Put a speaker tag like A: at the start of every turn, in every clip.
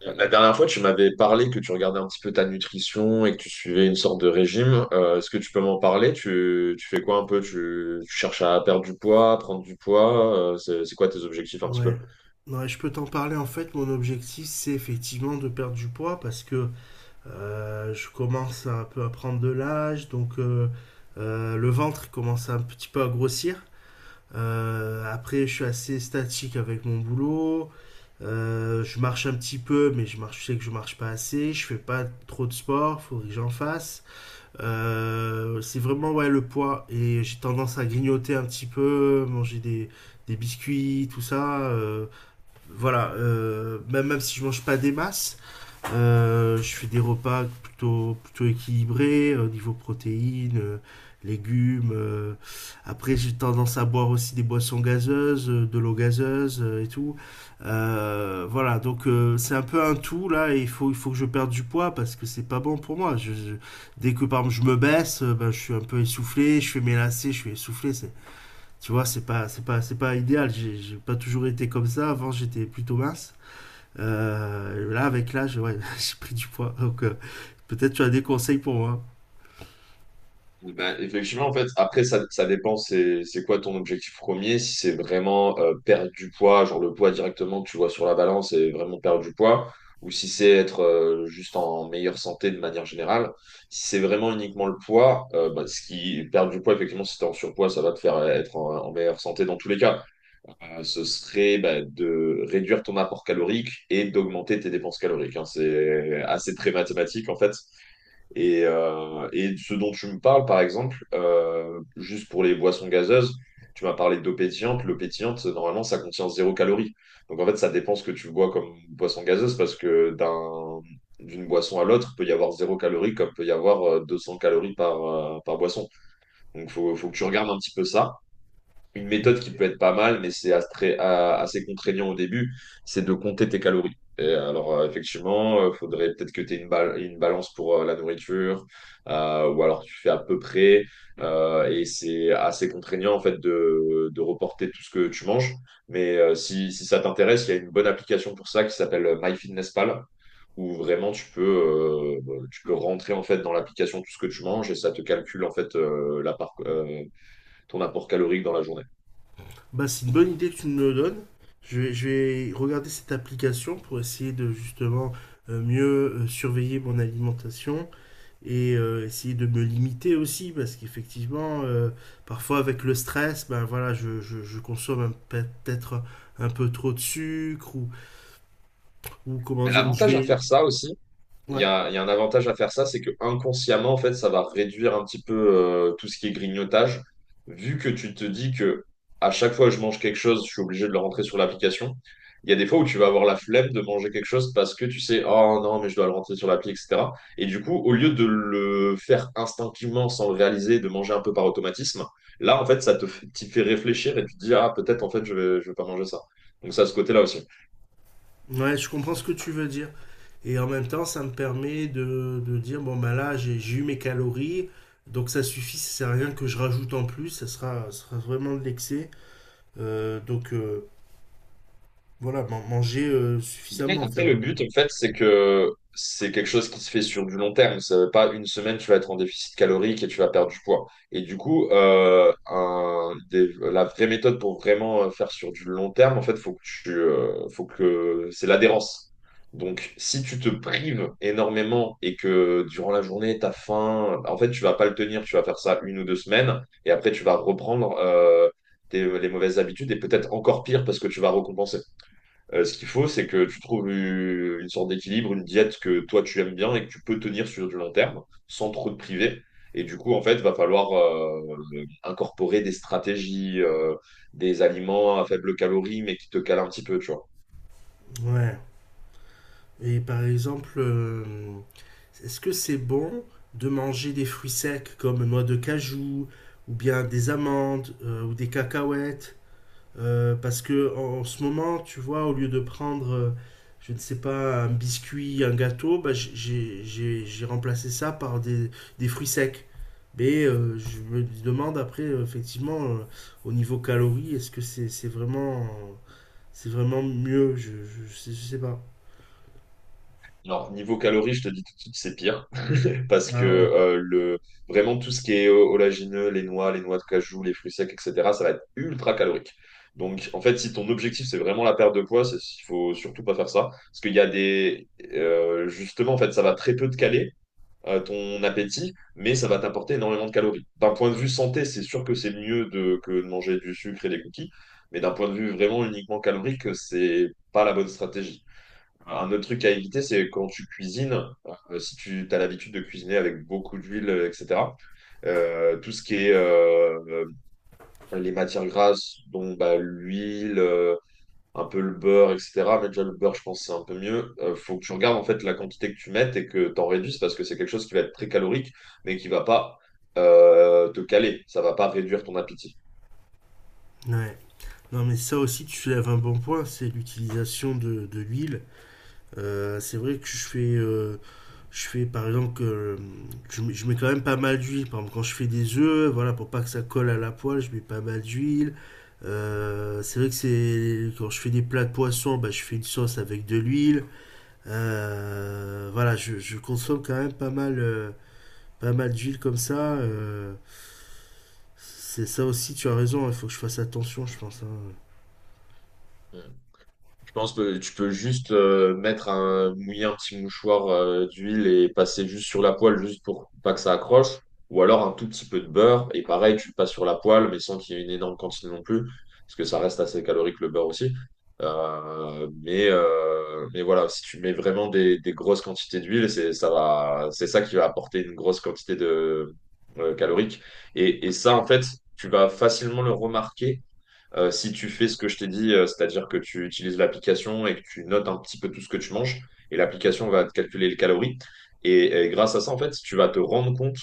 A: La dernière fois, tu m'avais parlé que tu regardais un petit peu ta nutrition et que tu suivais une sorte de régime. Est-ce que tu peux m'en parler? Tu fais quoi un peu? Tu cherches à perdre du poids, à prendre du poids? C'est quoi tes objectifs un petit peu?
B: Ouais. Ouais, je peux t'en parler. En fait, mon objectif, c'est effectivement de perdre du poids parce que je commence un peu à prendre de l'âge, donc le ventre commence un petit peu à grossir. Après, je suis assez statique avec mon boulot. Je marche un petit peu, mais je sais que je marche pas assez. Je fais pas trop de sport, faudrait que j'en fasse. C'est vraiment ouais le poids et j'ai tendance à grignoter un petit peu, des biscuits, tout ça. Voilà, même si je mange pas des masses, je fais des repas plutôt équilibrés au niveau protéines, légumes. Après, j'ai tendance à boire aussi des boissons gazeuses, de l'eau gazeuse et tout. Voilà, donc c'est un peu un tout là. Et il faut que je perde du poids parce que c'est pas bon pour moi. Dès que par exemple je me baisse, ben, je suis un peu essoufflé, je fais mes lacets, je suis essoufflé. C'est tu vois, c'est pas idéal. J'ai pas toujours été comme ça. Avant, j'étais plutôt mince. Là, avec l'âge, ouais, j'ai pris du poids. Donc, peut-être tu as des conseils pour moi.
A: Eh ben, effectivement, en fait, après, ça dépend, c'est quoi ton objectif premier. Si c'est vraiment perdre du poids, genre le poids directement que tu vois sur la balance et vraiment perdre du poids, ou si c'est être juste en meilleure santé de manière générale. Si c'est vraiment uniquement le poids, ben, ce qui perdre du poids, effectivement, si t'es en surpoids, ça va te faire être en meilleure santé dans tous les cas. Ce serait ben, de réduire ton apport calorique et d'augmenter tes dépenses caloriques, hein. C'est assez très mathématique, en fait. Et ce dont tu me parles, par exemple, juste pour les boissons gazeuses, tu m'as parlé d'eau pétillante. L'eau pétillante, normalement, ça contient zéro calorie. Donc en fait, ça dépend ce que tu bois comme boisson gazeuse parce que d'une boisson à l'autre, il peut y avoir zéro calorie comme peut y avoir 200 calories par, par boisson. Donc il faut que tu regardes un petit peu ça. Une méthode qui peut être pas mal, mais c'est assez contraignant au début, c'est de compter tes calories. Et alors, effectivement, il faudrait peut-être que tu aies une balance pour la nourriture, ou alors tu fais à peu près, et c'est assez contraignant en fait de reporter tout ce que tu manges. Mais si, si ça t'intéresse, il y a une bonne application pour ça qui s'appelle MyFitnessPal, où vraiment tu peux rentrer en fait dans l'application tout ce que tu manges et ça te calcule en fait ton apport calorique dans la journée.
B: Bah, c'est une bonne idée que tu me le donnes. Je vais regarder cette application pour essayer de justement mieux surveiller mon alimentation et essayer de me limiter aussi parce qu'effectivement, parfois avec le stress, ben voilà, je consomme un- peut-être un peu trop de sucre ou comment
A: Mais
B: dire, où je
A: l'avantage à
B: vais
A: faire ça aussi,
B: Ouais.
A: il y a un avantage à faire ça, c'est que inconsciemment, en fait, ça va réduire un petit peu tout ce qui est grignotage, vu que tu te dis que à chaque fois que je mange quelque chose, je suis obligé de le rentrer sur l'application. Il y a des fois où tu vas avoir la flemme de manger quelque chose parce que tu sais, oh non, mais je dois le rentrer sur l'appli, etc. Et du coup, au lieu de le faire instinctivement sans le réaliser, de manger un peu par automatisme, là, en fait, ça te fait, t'y fait réfléchir et tu te dis, ah, peut-être, en fait, je vais pas manger ça. Donc, ça, a ce côté-là aussi.
B: Ouais, je comprends ce que tu veux dire. Et en même temps, ça me permet de dire, bon, ben là, j'ai eu mes calories, donc ça suffit, ça sert à rien que je rajoute en plus, ça sera vraiment de l'excès. Euh, donc euh, voilà, man- manger suffisamment,
A: Le but, en fait, c'est que c'est quelque chose qui se fait sur du long terme. Ça veut pas une semaine, tu vas être en déficit calorique et tu vas perdre du poids. Et du coup, la vraie méthode pour vraiment faire sur du long terme, en fait, faut que faut que c'est l'adhérence. Donc, si tu te prives énormément et que durant la journée, tu as faim, en fait, tu vas pas le tenir. Tu vas faire ça une ou deux semaines et après, tu vas reprendre les mauvaises habitudes et peut-être encore pire parce que tu vas récompenser. Ce qu'il faut, c'est que tu trouves une sorte d'équilibre, une diète que toi tu aimes bien et que tu peux tenir sur du long terme sans trop te priver. Et du coup, en fait, va falloir incorporer des stratégies, des aliments à faible calorie, mais qui te calent un petit peu, tu vois.
B: ouais. Et par exemple, est-ce que c'est bon de manger des fruits secs comme noix de cajou, ou bien des amandes, ou des cacahuètes? Parce que en ce moment, tu vois, au lieu de prendre, je ne sais pas, un biscuit, un gâteau, bah, j- j'ai remplacé ça par des fruits secs. Mais je me demande après, effectivement, au niveau calories, est-ce que c'est vraiment mieux? Je sais pas.
A: Alors, niveau calories, je te dis tout de suite, c'est pire. Parce que
B: Ah ouais.
A: vraiment, tout ce qui est oléagineux, les noix de cajou, les fruits secs, etc., ça va être ultra calorique. Donc, en fait, si ton objectif, c'est vraiment la perte de poids, il faut surtout pas faire ça. Parce qu'il y a des. Justement, en fait, ça va très peu te caler ton appétit, mais ça va t'apporter énormément de calories. D'un point de vue santé, c'est sûr que c'est mieux que de manger du sucre et des cookies. Mais d'un point de vue vraiment uniquement calorique, c'est pas la bonne stratégie. Un autre truc à éviter, c'est quand tu cuisines, si tu as l'habitude de cuisiner avec beaucoup d'huile, etc., tout ce qui est les matières grasses, dont bah, l'huile, un peu le beurre, etc., mais déjà le beurre, je pense que c'est un peu mieux, faut que tu regardes en fait la quantité que tu mettes et que tu en réduises parce que c'est quelque chose qui va être très calorique, mais qui va pas te caler, ça va pas réduire ton appétit.
B: Ouais. Non, mais ça aussi, tu soulèves un bon point, c'est l'utilisation de l'huile. C'est vrai que je fais par exemple que je mets quand même pas mal d'huile. Par exemple, quand je fais des œufs, voilà, pour pas que ça colle à la poêle, je mets pas mal d'huile. C'est vrai que c'est quand je fais des plats de poisson, bah, je fais une sauce avec de l'huile. Voilà, je consomme quand même pas mal, pas mal d'huile comme ça. C'est ça aussi, tu as raison. Il faut que je fasse attention, je pense, hein.
A: Je pense que tu peux juste mettre un, mouiller un petit mouchoir d'huile et passer juste sur la poêle juste pour pas que ça accroche. Ou alors un tout petit peu de beurre. Et pareil, tu le passes sur la poêle, mais sans qu'il y ait une énorme quantité non plus, parce que ça reste assez calorique le beurre aussi. Mais voilà, si tu mets vraiment des grosses quantités d'huile, c'est ça qui va apporter une grosse quantité de calorique. Et ça, en fait, tu vas facilement le remarquer si tu fais ce que je t'ai dit, c'est-à-dire que tu utilises l'application et que tu notes un petit peu tout ce que tu manges, et l'application va te calculer les calories. Et grâce à ça, en fait, tu vas te rendre compte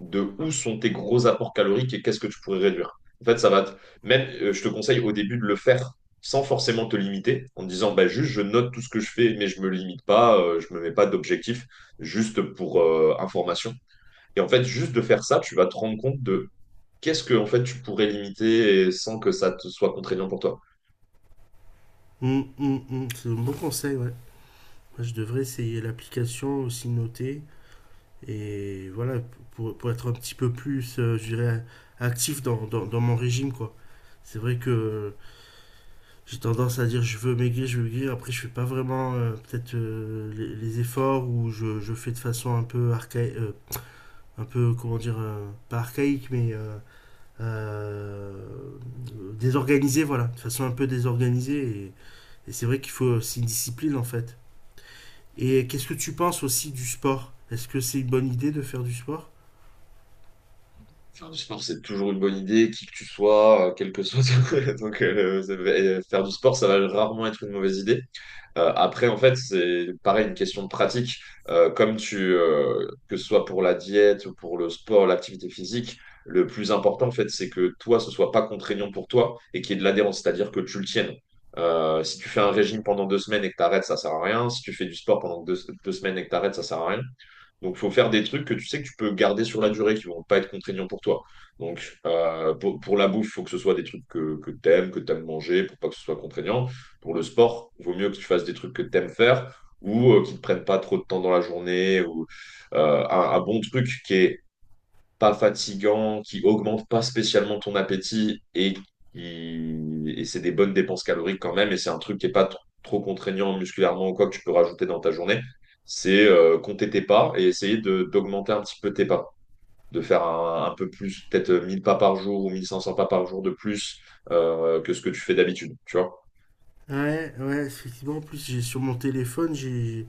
A: de où sont tes gros apports caloriques et qu'est-ce que tu pourrais réduire. En fait, ça va te... Même, je te conseille au début de le faire sans forcément te limiter, en te disant, bah, juste, je note tout ce que je fais, mais je me limite pas, je me mets pas d'objectif, juste pour information. Et en fait, juste de faire ça, tu vas te rendre compte de qu'est-ce que, en fait, tu pourrais limiter et sans que ça te soit contraignant pour toi.
B: C'est un bon conseil, ouais. Moi, je devrais essayer l'application aussi notée. Et voilà, pour être un petit peu plus, je dirais, actif dans mon régime, quoi. C'est vrai que j'ai tendance à dire je veux maigrir, après je fais pas vraiment peut-être les efforts ou je fais de façon un peu archaïque, un peu, comment dire, pas archaïque, mais euh, désorganisée, voilà, de façon un peu désorganisée. Et c'est vrai qu'il faut aussi une discipline, en fait. Et qu'est-ce que tu penses aussi du sport? Est-ce que c'est une bonne idée de faire du sport?
A: Faire du sport, c'est toujours une bonne idée, qui que tu sois, quel que soit. Donc, ça va- et faire du sport, ça va rarement être une mauvaise idée. Après, en fait, c'est pareil, une question de pratique. Que ce soit pour la diète, ou pour le sport, l'activité physique, le plus important, en fait, c'est que toi, ce soit pas contraignant pour toi et qu'il y ait de l'adhérence, c'est-à-dire que tu le tiennes. Si tu fais un régime pendant 2 semaines et que tu arrêtes, ça sert à rien. Si tu fais du sport pendant 2 semaines et que tu arrêtes, ça sert à rien. Donc, il faut faire des trucs que tu sais que tu peux garder sur la durée, qui vont pas être contraignants pour toi. Donc, pour la bouffe, il faut que ce soit des trucs que tu aimes manger, pour pas que ce soit contraignant pour le sport, il vaut mieux que tu fasses des trucs que tu aimes faire ou qui ne te prennent pas trop de temps dans la journée ou un bon truc qui est pas fatigant, qui augmente pas spécialement ton appétit et c'est des bonnes dépenses caloriques quand même et c'est un truc qui est pas tr- trop contraignant musculairement ou quoi que tu peux rajouter dans ta journée, c'est compter tes pas et essayer de d'augmenter un petit peu tes pas, de faire un peu plus, peut-être 1000 pas par jour ou 1500 pas par jour de plus que ce que tu fais d'habitude, tu vois.
B: Ouais, ouais, effectivement. En plus, j'ai sur mon téléphone,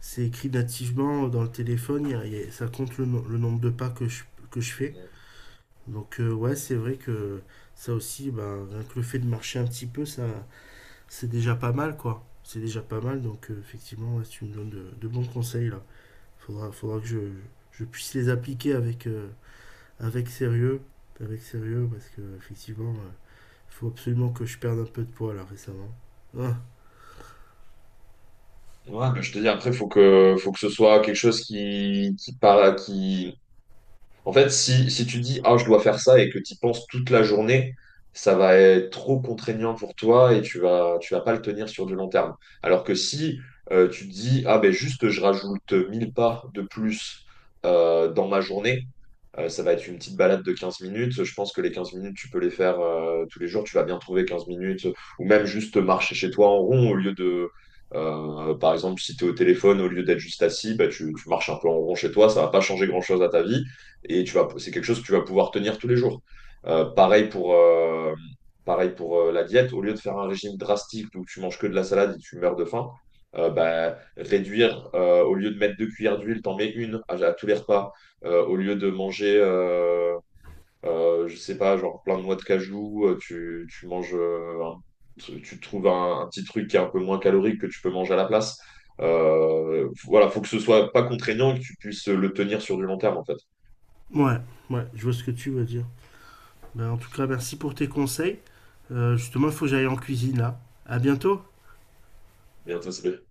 B: c'est écrit nativement dans le téléphone. Ça compte le, no- le nombre de pas que que je fais. Donc, ouais, c'est vrai que ça aussi, ben, rien que le fait de marcher un petit peu, ça, c'est déjà pas mal, quoi. C'est déjà pas mal. Donc, effectivement, ouais, tu me donnes de bons conseils là. Faudra que je puisse les appliquer avec, avec sérieux, avec sérieux, parce que effectivement, faut absolument que je perde un peu de poids là récemment.
A: Ouais, mais je te dis, après, faut faut que ce soit quelque chose en fait, si, si tu dis, ah, je dois faire ça et que tu y penses toute la journée, ça va être trop contraignant pour toi et tu vas pas le tenir sur du long terme. Alors que si tu te dis, ah, ben juste, je rajoute 1000 pas de plus dans ma journée, ça va être une petite balade de 15 minutes. Je pense que les 15 minutes, tu peux les faire tous les jours. Tu vas bien trouver 15 minutes ou même juste marcher chez toi en rond au lieu de. Par exemple, si tu es au téléphone, au lieu d'être juste assis, bah, tu marches un peu en rond chez toi, ça va pas changer grand-chose à ta vie et tu vas, c'est quelque chose que tu vas pouvoir tenir tous les jours. Euh, pareil pour, euh, pareil pour la diète, au lieu de faire un régime drastique où tu manges que de la salade et tu meurs de faim, bah, réduire, au lieu de mettre 2 cuillères d'huile, t'en mets une à tous les repas. Au lieu de manger, je sais pas, genre plein de noix de cajou, tu manges, tu trouves un petit truc qui est un peu moins calorique que tu peux manger à la place. Voilà, faut que ce soit pas contraignant et que tu puisses le tenir sur du long terme en fait.
B: Ouais, ouais, je vois ce que tu veux dire. Ben, en tout cas, merci pour tes conseils. Justement, il faut que j'aille en cuisine là. À bientôt.
A: Bien, ça, c'est-